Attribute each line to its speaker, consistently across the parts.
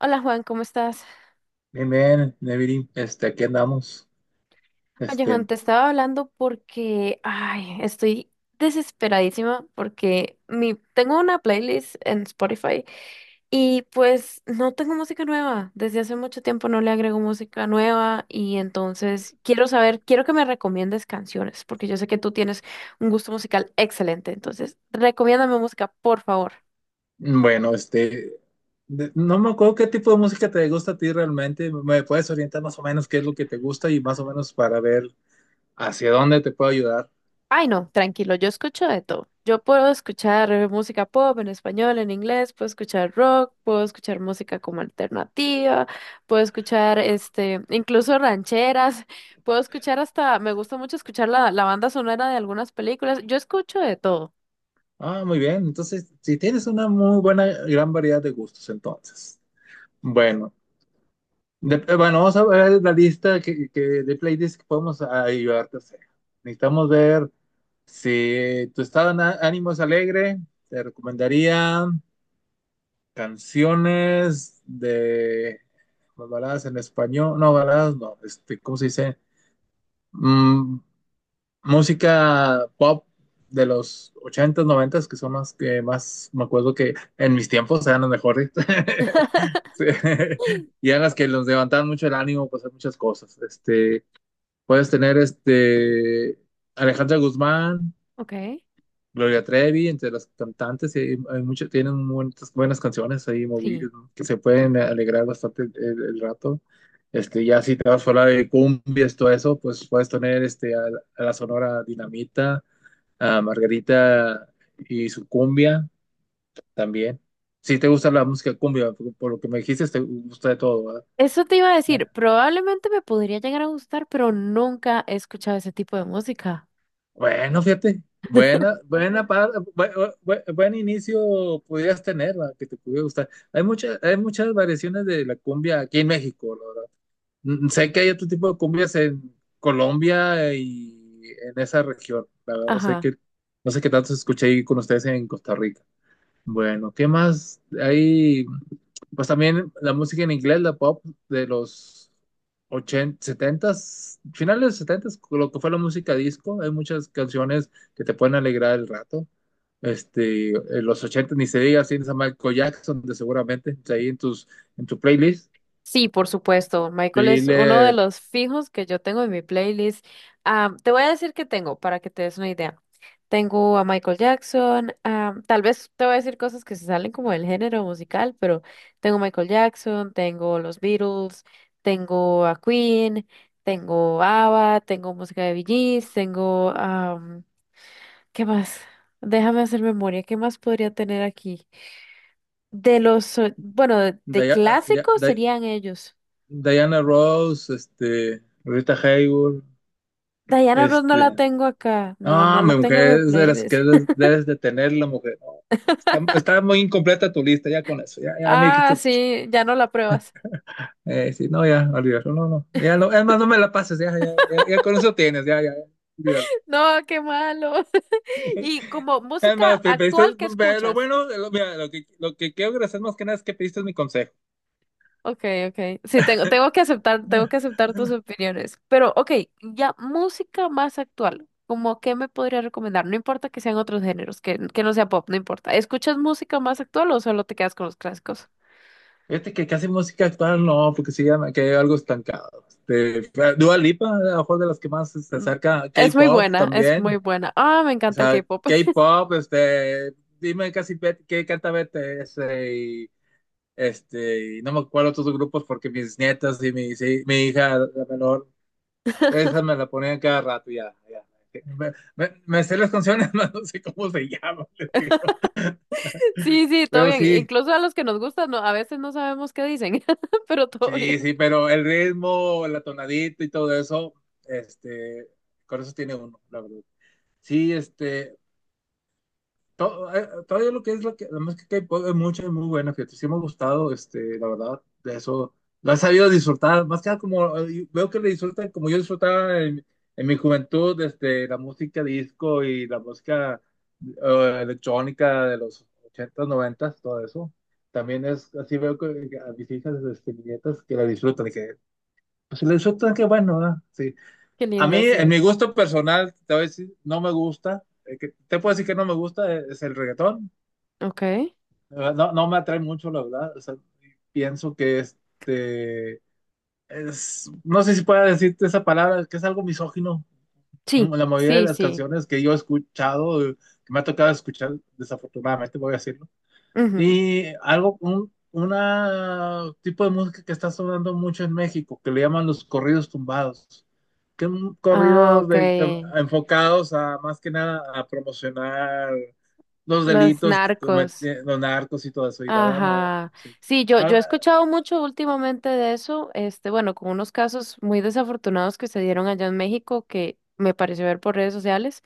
Speaker 1: Hola Juan, ¿cómo estás?
Speaker 2: Bien, bien, Neviri, aquí andamos.
Speaker 1: Oye Juan,
Speaker 2: Este,
Speaker 1: te estaba hablando porque, ay, estoy desesperadísima porque tengo una playlist en Spotify y pues no tengo música nueva. Desde hace mucho tiempo no le agrego música nueva y entonces quiero saber, quiero que me recomiendes canciones porque yo sé que tú tienes un gusto musical excelente. Entonces, recomiéndame música, por favor.
Speaker 2: bueno, este, no me acuerdo qué tipo de música te gusta a ti realmente. ¿Me puedes orientar más o menos qué es lo que te gusta y más o menos para ver hacia dónde te puedo ayudar?
Speaker 1: Ay, no, tranquilo, yo escucho de todo. Yo puedo escuchar música pop en español, en inglés, puedo escuchar rock, puedo escuchar música como alternativa, puedo escuchar incluso rancheras, puedo escuchar hasta, me gusta mucho escuchar la banda sonora de algunas películas. Yo escucho de todo.
Speaker 2: Ah, muy bien. Entonces, si tienes una muy buena, gran variedad de gustos, entonces. Bueno, bueno, vamos a ver la lista que de playlists que podemos ayudarte a hacer. Necesitamos ver si tu estado de ánimo es alegre, te recomendaría canciones de pues, baladas en español, no, baladas no, ¿cómo se dice? Mm, Música pop de los ochentas noventas, que son las que más me acuerdo que en mis tiempos eran las mejores. Sí. Y eran las que nos levantaban mucho el ánimo, pues hacer muchas cosas. Puedes tener Alejandra Guzmán,
Speaker 1: Ok,
Speaker 2: Gloria Trevi, entre las cantantes, y tienen muchas buenas canciones ahí
Speaker 1: sí.
Speaker 2: que se pueden alegrar bastante el rato. Ya si te vas fuera de cumbias, todo eso, pues puedes tener este, a la Sonora Dinamita, a Margarita y su cumbia también. Si te gusta la música cumbia, por lo que me dijiste, te gusta de todo, ¿verdad?
Speaker 1: Eso te iba a decir, probablemente me podría llegar a gustar, pero nunca he escuchado ese tipo de música.
Speaker 2: Bueno, fíjate, buena, buena par- bu- bu- bu- buen, inicio pudieras tener, la que te pudiera gustar. Hay muchas variaciones de la cumbia aquí en México, la verdad. Sé que hay otro tipo de cumbias en Colombia y en esa región. La verdad,
Speaker 1: Ajá.
Speaker 2: no sé qué tanto se escucha ahí con ustedes en Costa Rica. Bueno, ¿qué más hay? Pues también la música en inglés, la pop de los 80, 70, finales de los 70, lo que fue la música disco, hay muchas canciones que te pueden alegrar el rato. En los 80 ni se diga, tienes a Michael Jackson, de seguramente está ahí en tus en tu playlist.
Speaker 1: Sí, por supuesto. Michael es
Speaker 2: Dile
Speaker 1: uno de los fijos que yo tengo en mi playlist. Ah, te voy a decir que tengo para que te des una idea. Tengo a Michael Jackson. Ah, tal vez te voy a decir cosas que se salen como del género musical, pero tengo Michael Jackson, tengo los Beatles, tengo a Queen, tengo ABBA, tengo música de Bee Gees, ¿qué más? Déjame hacer memoria. ¿Qué más podría tener aquí? Bueno, de
Speaker 2: Dia-
Speaker 1: clásicos
Speaker 2: Dia-
Speaker 1: serían ellos.
Speaker 2: Diana Ross, Rita Hayworth,
Speaker 1: Diana Ross no la
Speaker 2: este,
Speaker 1: tengo acá. No, no
Speaker 2: no,
Speaker 1: la
Speaker 2: mi
Speaker 1: tengo en mi
Speaker 2: mujer es de las
Speaker 1: playlist.
Speaker 2: que debes de tener, la mujer. No, está muy incompleta tu lista, ya con eso, ya, ya me
Speaker 1: Ah,
Speaker 2: dijiste mucho.
Speaker 1: sí, ya no la pruebas.
Speaker 2: Sí, no, ya, olvídalo, no, no, ya no, es más, no me la pases, ya, ya, ya, ya con eso tienes, ya, ya, ya, olvídalo.
Speaker 1: No, qué malo. Y como
Speaker 2: Es
Speaker 1: música
Speaker 2: más, pediste,
Speaker 1: actual que
Speaker 2: lo
Speaker 1: escuchas.
Speaker 2: bueno, lo, mira, lo que quiero agradecer más que nada es que pediste mi consejo.
Speaker 1: Ok, ok. Sí, tengo, tengo que aceptar tus opiniones. Pero, ok, ya música más actual. ¿Cómo qué me podría recomendar? No importa que sean otros géneros, que no sea pop, no importa. ¿Escuchas música más actual o solo te quedas con los clásicos?
Speaker 2: Fíjate que casi música actual no, porque sí ya me quedé algo estancado. Dua Lipa, a lo mejor, de las que más se
Speaker 1: Mm,
Speaker 2: acerca,
Speaker 1: es muy
Speaker 2: K-pop
Speaker 1: buena, es muy
Speaker 2: también.
Speaker 1: buena. Ah, me
Speaker 2: O
Speaker 1: encanta el
Speaker 2: sea,
Speaker 1: K-pop.
Speaker 2: K-pop, dime, qué canta Bete, y no me acuerdo otros grupos porque mis nietas y mi, sí, mi hija, la menor, esa me la ponían cada rato, ya, ya. Me sé las canciones, más no sé cómo se llaman, les digo.
Speaker 1: Sí, sí, todo
Speaker 2: Pero
Speaker 1: bien.
Speaker 2: sí,
Speaker 1: Incluso a los que nos gustan, no, a veces no sabemos qué dicen, pero todo bien.
Speaker 2: sí, sí, pero el ritmo, la tonadita y todo eso, este, con eso tiene uno, la verdad. Sí, todavía lo que es la música K-pop es mucha y muy buena, fíjate, sí me ha gustado, la verdad, de eso, lo he sabido disfrutar, más que nada como, veo que le disfrutan como yo disfrutaba en mi juventud, la música disco y la música electrónica de los ochentas noventas, todo eso, también es, así veo que a mis hijas, mis nietas, que la disfrutan, y que, pues si la disfrutan, qué bueno, ¿verdad? Sí.
Speaker 1: Qué
Speaker 2: A mí,
Speaker 1: lindo,
Speaker 2: en
Speaker 1: sí.
Speaker 2: mi gusto personal, te voy a decir, no me gusta, te puedo decir que no me gusta, es el reggaetón,
Speaker 1: Ok.
Speaker 2: no, no me atrae mucho, la verdad. O sea, pienso que es, no sé si pueda decirte esa palabra, que es algo misógino.
Speaker 1: Sí,
Speaker 2: ¿No? La mayoría de
Speaker 1: sí,
Speaker 2: las
Speaker 1: sí.
Speaker 2: canciones que yo he escuchado, que me ha tocado escuchar, desafortunadamente, voy a decir,
Speaker 1: Ujú.
Speaker 2: y algo, un, una tipo de música que está sonando mucho en México, que le llaman los corridos tumbados, que son
Speaker 1: Ah,
Speaker 2: corridos
Speaker 1: ok.
Speaker 2: de, enfocados a más que nada a promocionar los
Speaker 1: Los
Speaker 2: delitos que
Speaker 1: narcos.
Speaker 2: cometen los narcos y todo eso. Y la verdad, no, no,
Speaker 1: Ajá.
Speaker 2: sí.
Speaker 1: Sí, yo he
Speaker 2: Ah,
Speaker 1: escuchado mucho últimamente de eso, este, bueno, con unos casos muy desafortunados que se dieron allá en México que me pareció ver por redes sociales.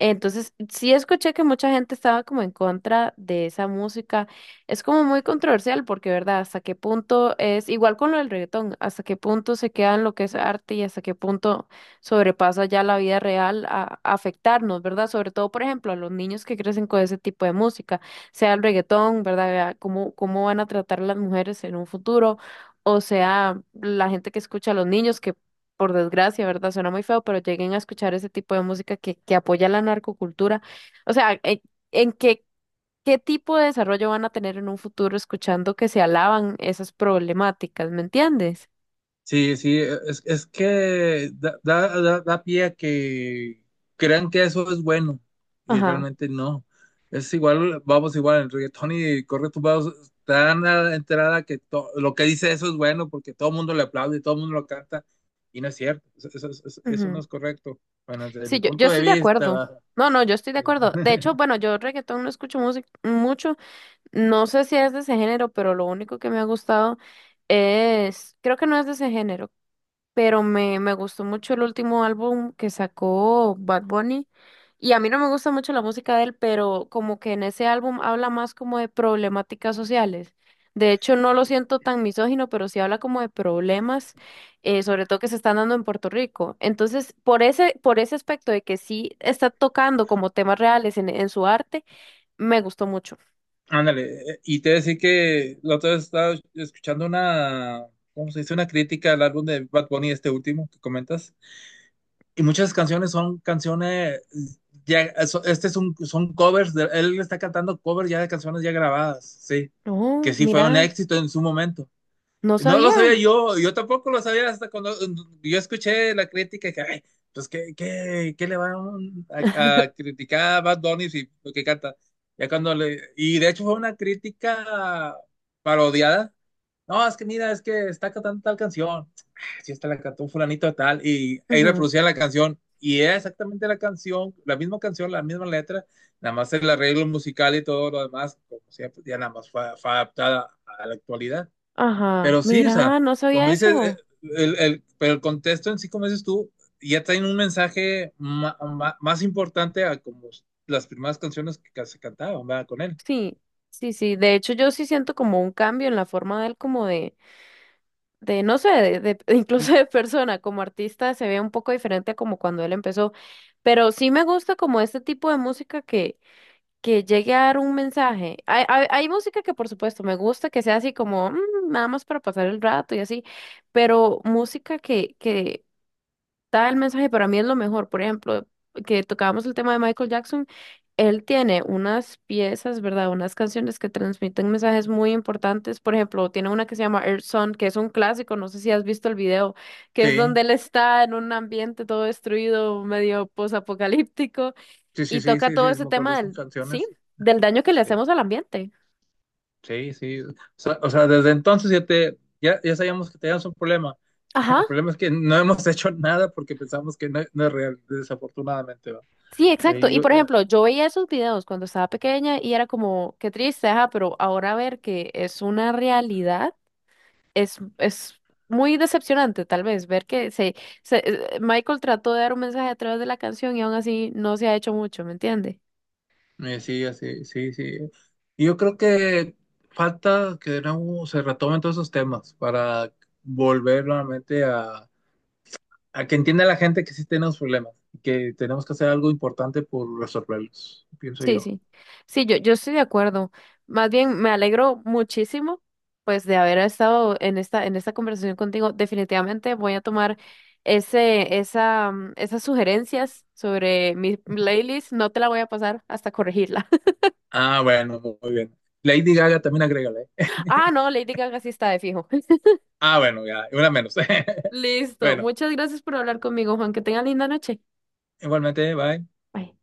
Speaker 1: Entonces, sí escuché que mucha gente estaba como en contra de esa música. Es como muy controversial porque, ¿verdad? Hasta qué punto es igual con lo del reggaetón, hasta qué punto se queda en lo que es arte y hasta qué punto sobrepasa ya la vida real a afectarnos, ¿verdad? Sobre todo, por ejemplo, a los niños que crecen con ese tipo de música, sea el reggaetón, ¿verdad? Vea, ¿cómo, cómo van a tratar a las mujeres en un futuro? O sea, la gente que escucha a los niños que por desgracia, ¿verdad? Suena muy feo, pero lleguen a escuchar ese tipo de música que apoya la narcocultura. O sea, ¿en qué, qué tipo de desarrollo van a tener en un futuro escuchando que se alaban esas problemáticas? ¿Me entiendes?
Speaker 2: sí, es que da pie a que crean que eso es bueno y
Speaker 1: Ajá.
Speaker 2: realmente no. Es igual, vamos, igual, el reggaetón, y corre tu voz tan a la enterada que lo que dice eso es bueno porque todo el mundo le aplaude, todo el mundo lo canta y no es cierto, eso no
Speaker 1: Ujú.
Speaker 2: es correcto. Bueno, desde mi
Speaker 1: Sí, yo
Speaker 2: punto de
Speaker 1: estoy de
Speaker 2: vista,
Speaker 1: acuerdo.
Speaker 2: va.
Speaker 1: No, no, yo estoy de
Speaker 2: Sí.
Speaker 1: acuerdo. De hecho, bueno, yo reggaetón no escucho música mucho. No sé si es de ese género, pero lo único que me ha gustado es, creo que no es de ese género. Pero me gustó mucho el último álbum que sacó Bad Bunny. Y a mí no me gusta mucho la música de él, pero como que en ese álbum habla más como de problemáticas sociales. De hecho, no lo siento tan misógino, pero sí habla como de problemas, sobre todo que se están dando en Puerto Rico. Entonces, por ese aspecto de que sí está tocando como temas reales en su arte, me gustó mucho.
Speaker 2: Ándale, y te decía que la otra vez estaba escuchando ¿cómo se dice? Una crítica al álbum de Bad Bunny, este último que comentas. Y muchas canciones son canciones, son covers, él está cantando covers ya de canciones ya grabadas, sí, que
Speaker 1: Oh,
Speaker 2: sí fue un
Speaker 1: mira,
Speaker 2: éxito en su momento.
Speaker 1: no
Speaker 2: Y no
Speaker 1: sabía.
Speaker 2: lo sabía yo, yo tampoco lo sabía hasta cuando yo escuché la crítica que, ay, pues, ¿qué le van a criticar a Bad Bunny si lo que canta? Ya cuando le, y de hecho fue una crítica parodiada, no, es que mira, es que está cantando tal canción. Ah, sí, está, la cantó un fulanito de tal. Y ahí
Speaker 1: Ujú.
Speaker 2: reproducía la canción. Y era exactamente la canción, la misma letra. Nada más el arreglo musical y todo lo demás, como siempre, ya nada más fue, fue adaptada a la actualidad.
Speaker 1: Ajá,
Speaker 2: Pero sí, o sea,
Speaker 1: mira, no
Speaker 2: como
Speaker 1: sabía
Speaker 2: dices,
Speaker 1: eso.
Speaker 2: pero el contexto en sí, como dices tú, ya traen un mensaje más importante a como las primeras canciones que se cantaban, ¿verdad? Con él.
Speaker 1: Sí, sí, sí. De hecho, yo sí siento como un cambio en la forma de él, como de no sé, incluso de persona, como artista se ve un poco diferente a como cuando él empezó. Pero sí me gusta como este tipo de música que llegue a dar un mensaje. Hay música que por supuesto me gusta, que sea así como "Mm, nada más para pasar el rato y así, pero música que da el mensaje, para mí es lo mejor. Por ejemplo, que tocábamos el tema de Michael Jackson, él tiene unas piezas, ¿verdad? Unas canciones que transmiten mensajes muy importantes. Por ejemplo, tiene una que se llama Earth Song, que es un clásico, no sé si has visto el video, que es
Speaker 2: Sí,
Speaker 1: donde él está en un ambiente todo destruido, medio posapocalíptico,
Speaker 2: sí,
Speaker 1: y
Speaker 2: sí, sí,
Speaker 1: toca
Speaker 2: sí,
Speaker 1: todo
Speaker 2: sí,
Speaker 1: ese
Speaker 2: me acuerdo de
Speaker 1: tema
Speaker 2: esas
Speaker 1: del, sí,
Speaker 2: canciones.
Speaker 1: del daño que le
Speaker 2: Sí.
Speaker 1: hacemos al ambiente.
Speaker 2: Sí, sí. O sea, desde entonces ya, te, ya, ya sabíamos que teníamos un problema.
Speaker 1: Ajá.
Speaker 2: El problema es que no hemos hecho nada porque pensamos que no, no es real, desafortunadamente. ¿Va?
Speaker 1: Sí, exacto.
Speaker 2: Eh,
Speaker 1: Y
Speaker 2: yo,
Speaker 1: por ejemplo, yo veía esos videos cuando estaba pequeña y era como, qué triste, ajá, pero ahora ver que es una realidad es muy decepcionante, tal vez, ver que se- Michael trató de dar un mensaje a través de la canción y aún así no se ha hecho mucho, ¿me entiende?
Speaker 2: sí, así, sí, sí. Y yo creo que falta que de nuevo se retomen todos esos temas para volver nuevamente a que entienda la gente que sí tenemos problemas y que tenemos que hacer algo importante por resolverlos, pienso
Speaker 1: Sí,
Speaker 2: yo.
Speaker 1: sí. Sí, yo estoy de acuerdo. Más bien, me alegro muchísimo, pues, de haber estado en en esta conversación contigo. Definitivamente voy a tomar esas sugerencias sobre mi playlist. No te la voy a pasar hasta corregirla.
Speaker 2: Ah, bueno, muy bien. Lady Gaga también agrega.
Speaker 1: Ah, no, Lady Gaga sí está de fijo.
Speaker 2: Ah, bueno, ya, una menos.
Speaker 1: Listo.
Speaker 2: Bueno,
Speaker 1: Muchas gracias por hablar conmigo, Juan. Que tenga linda noche.
Speaker 2: igualmente, bye.
Speaker 1: Bye.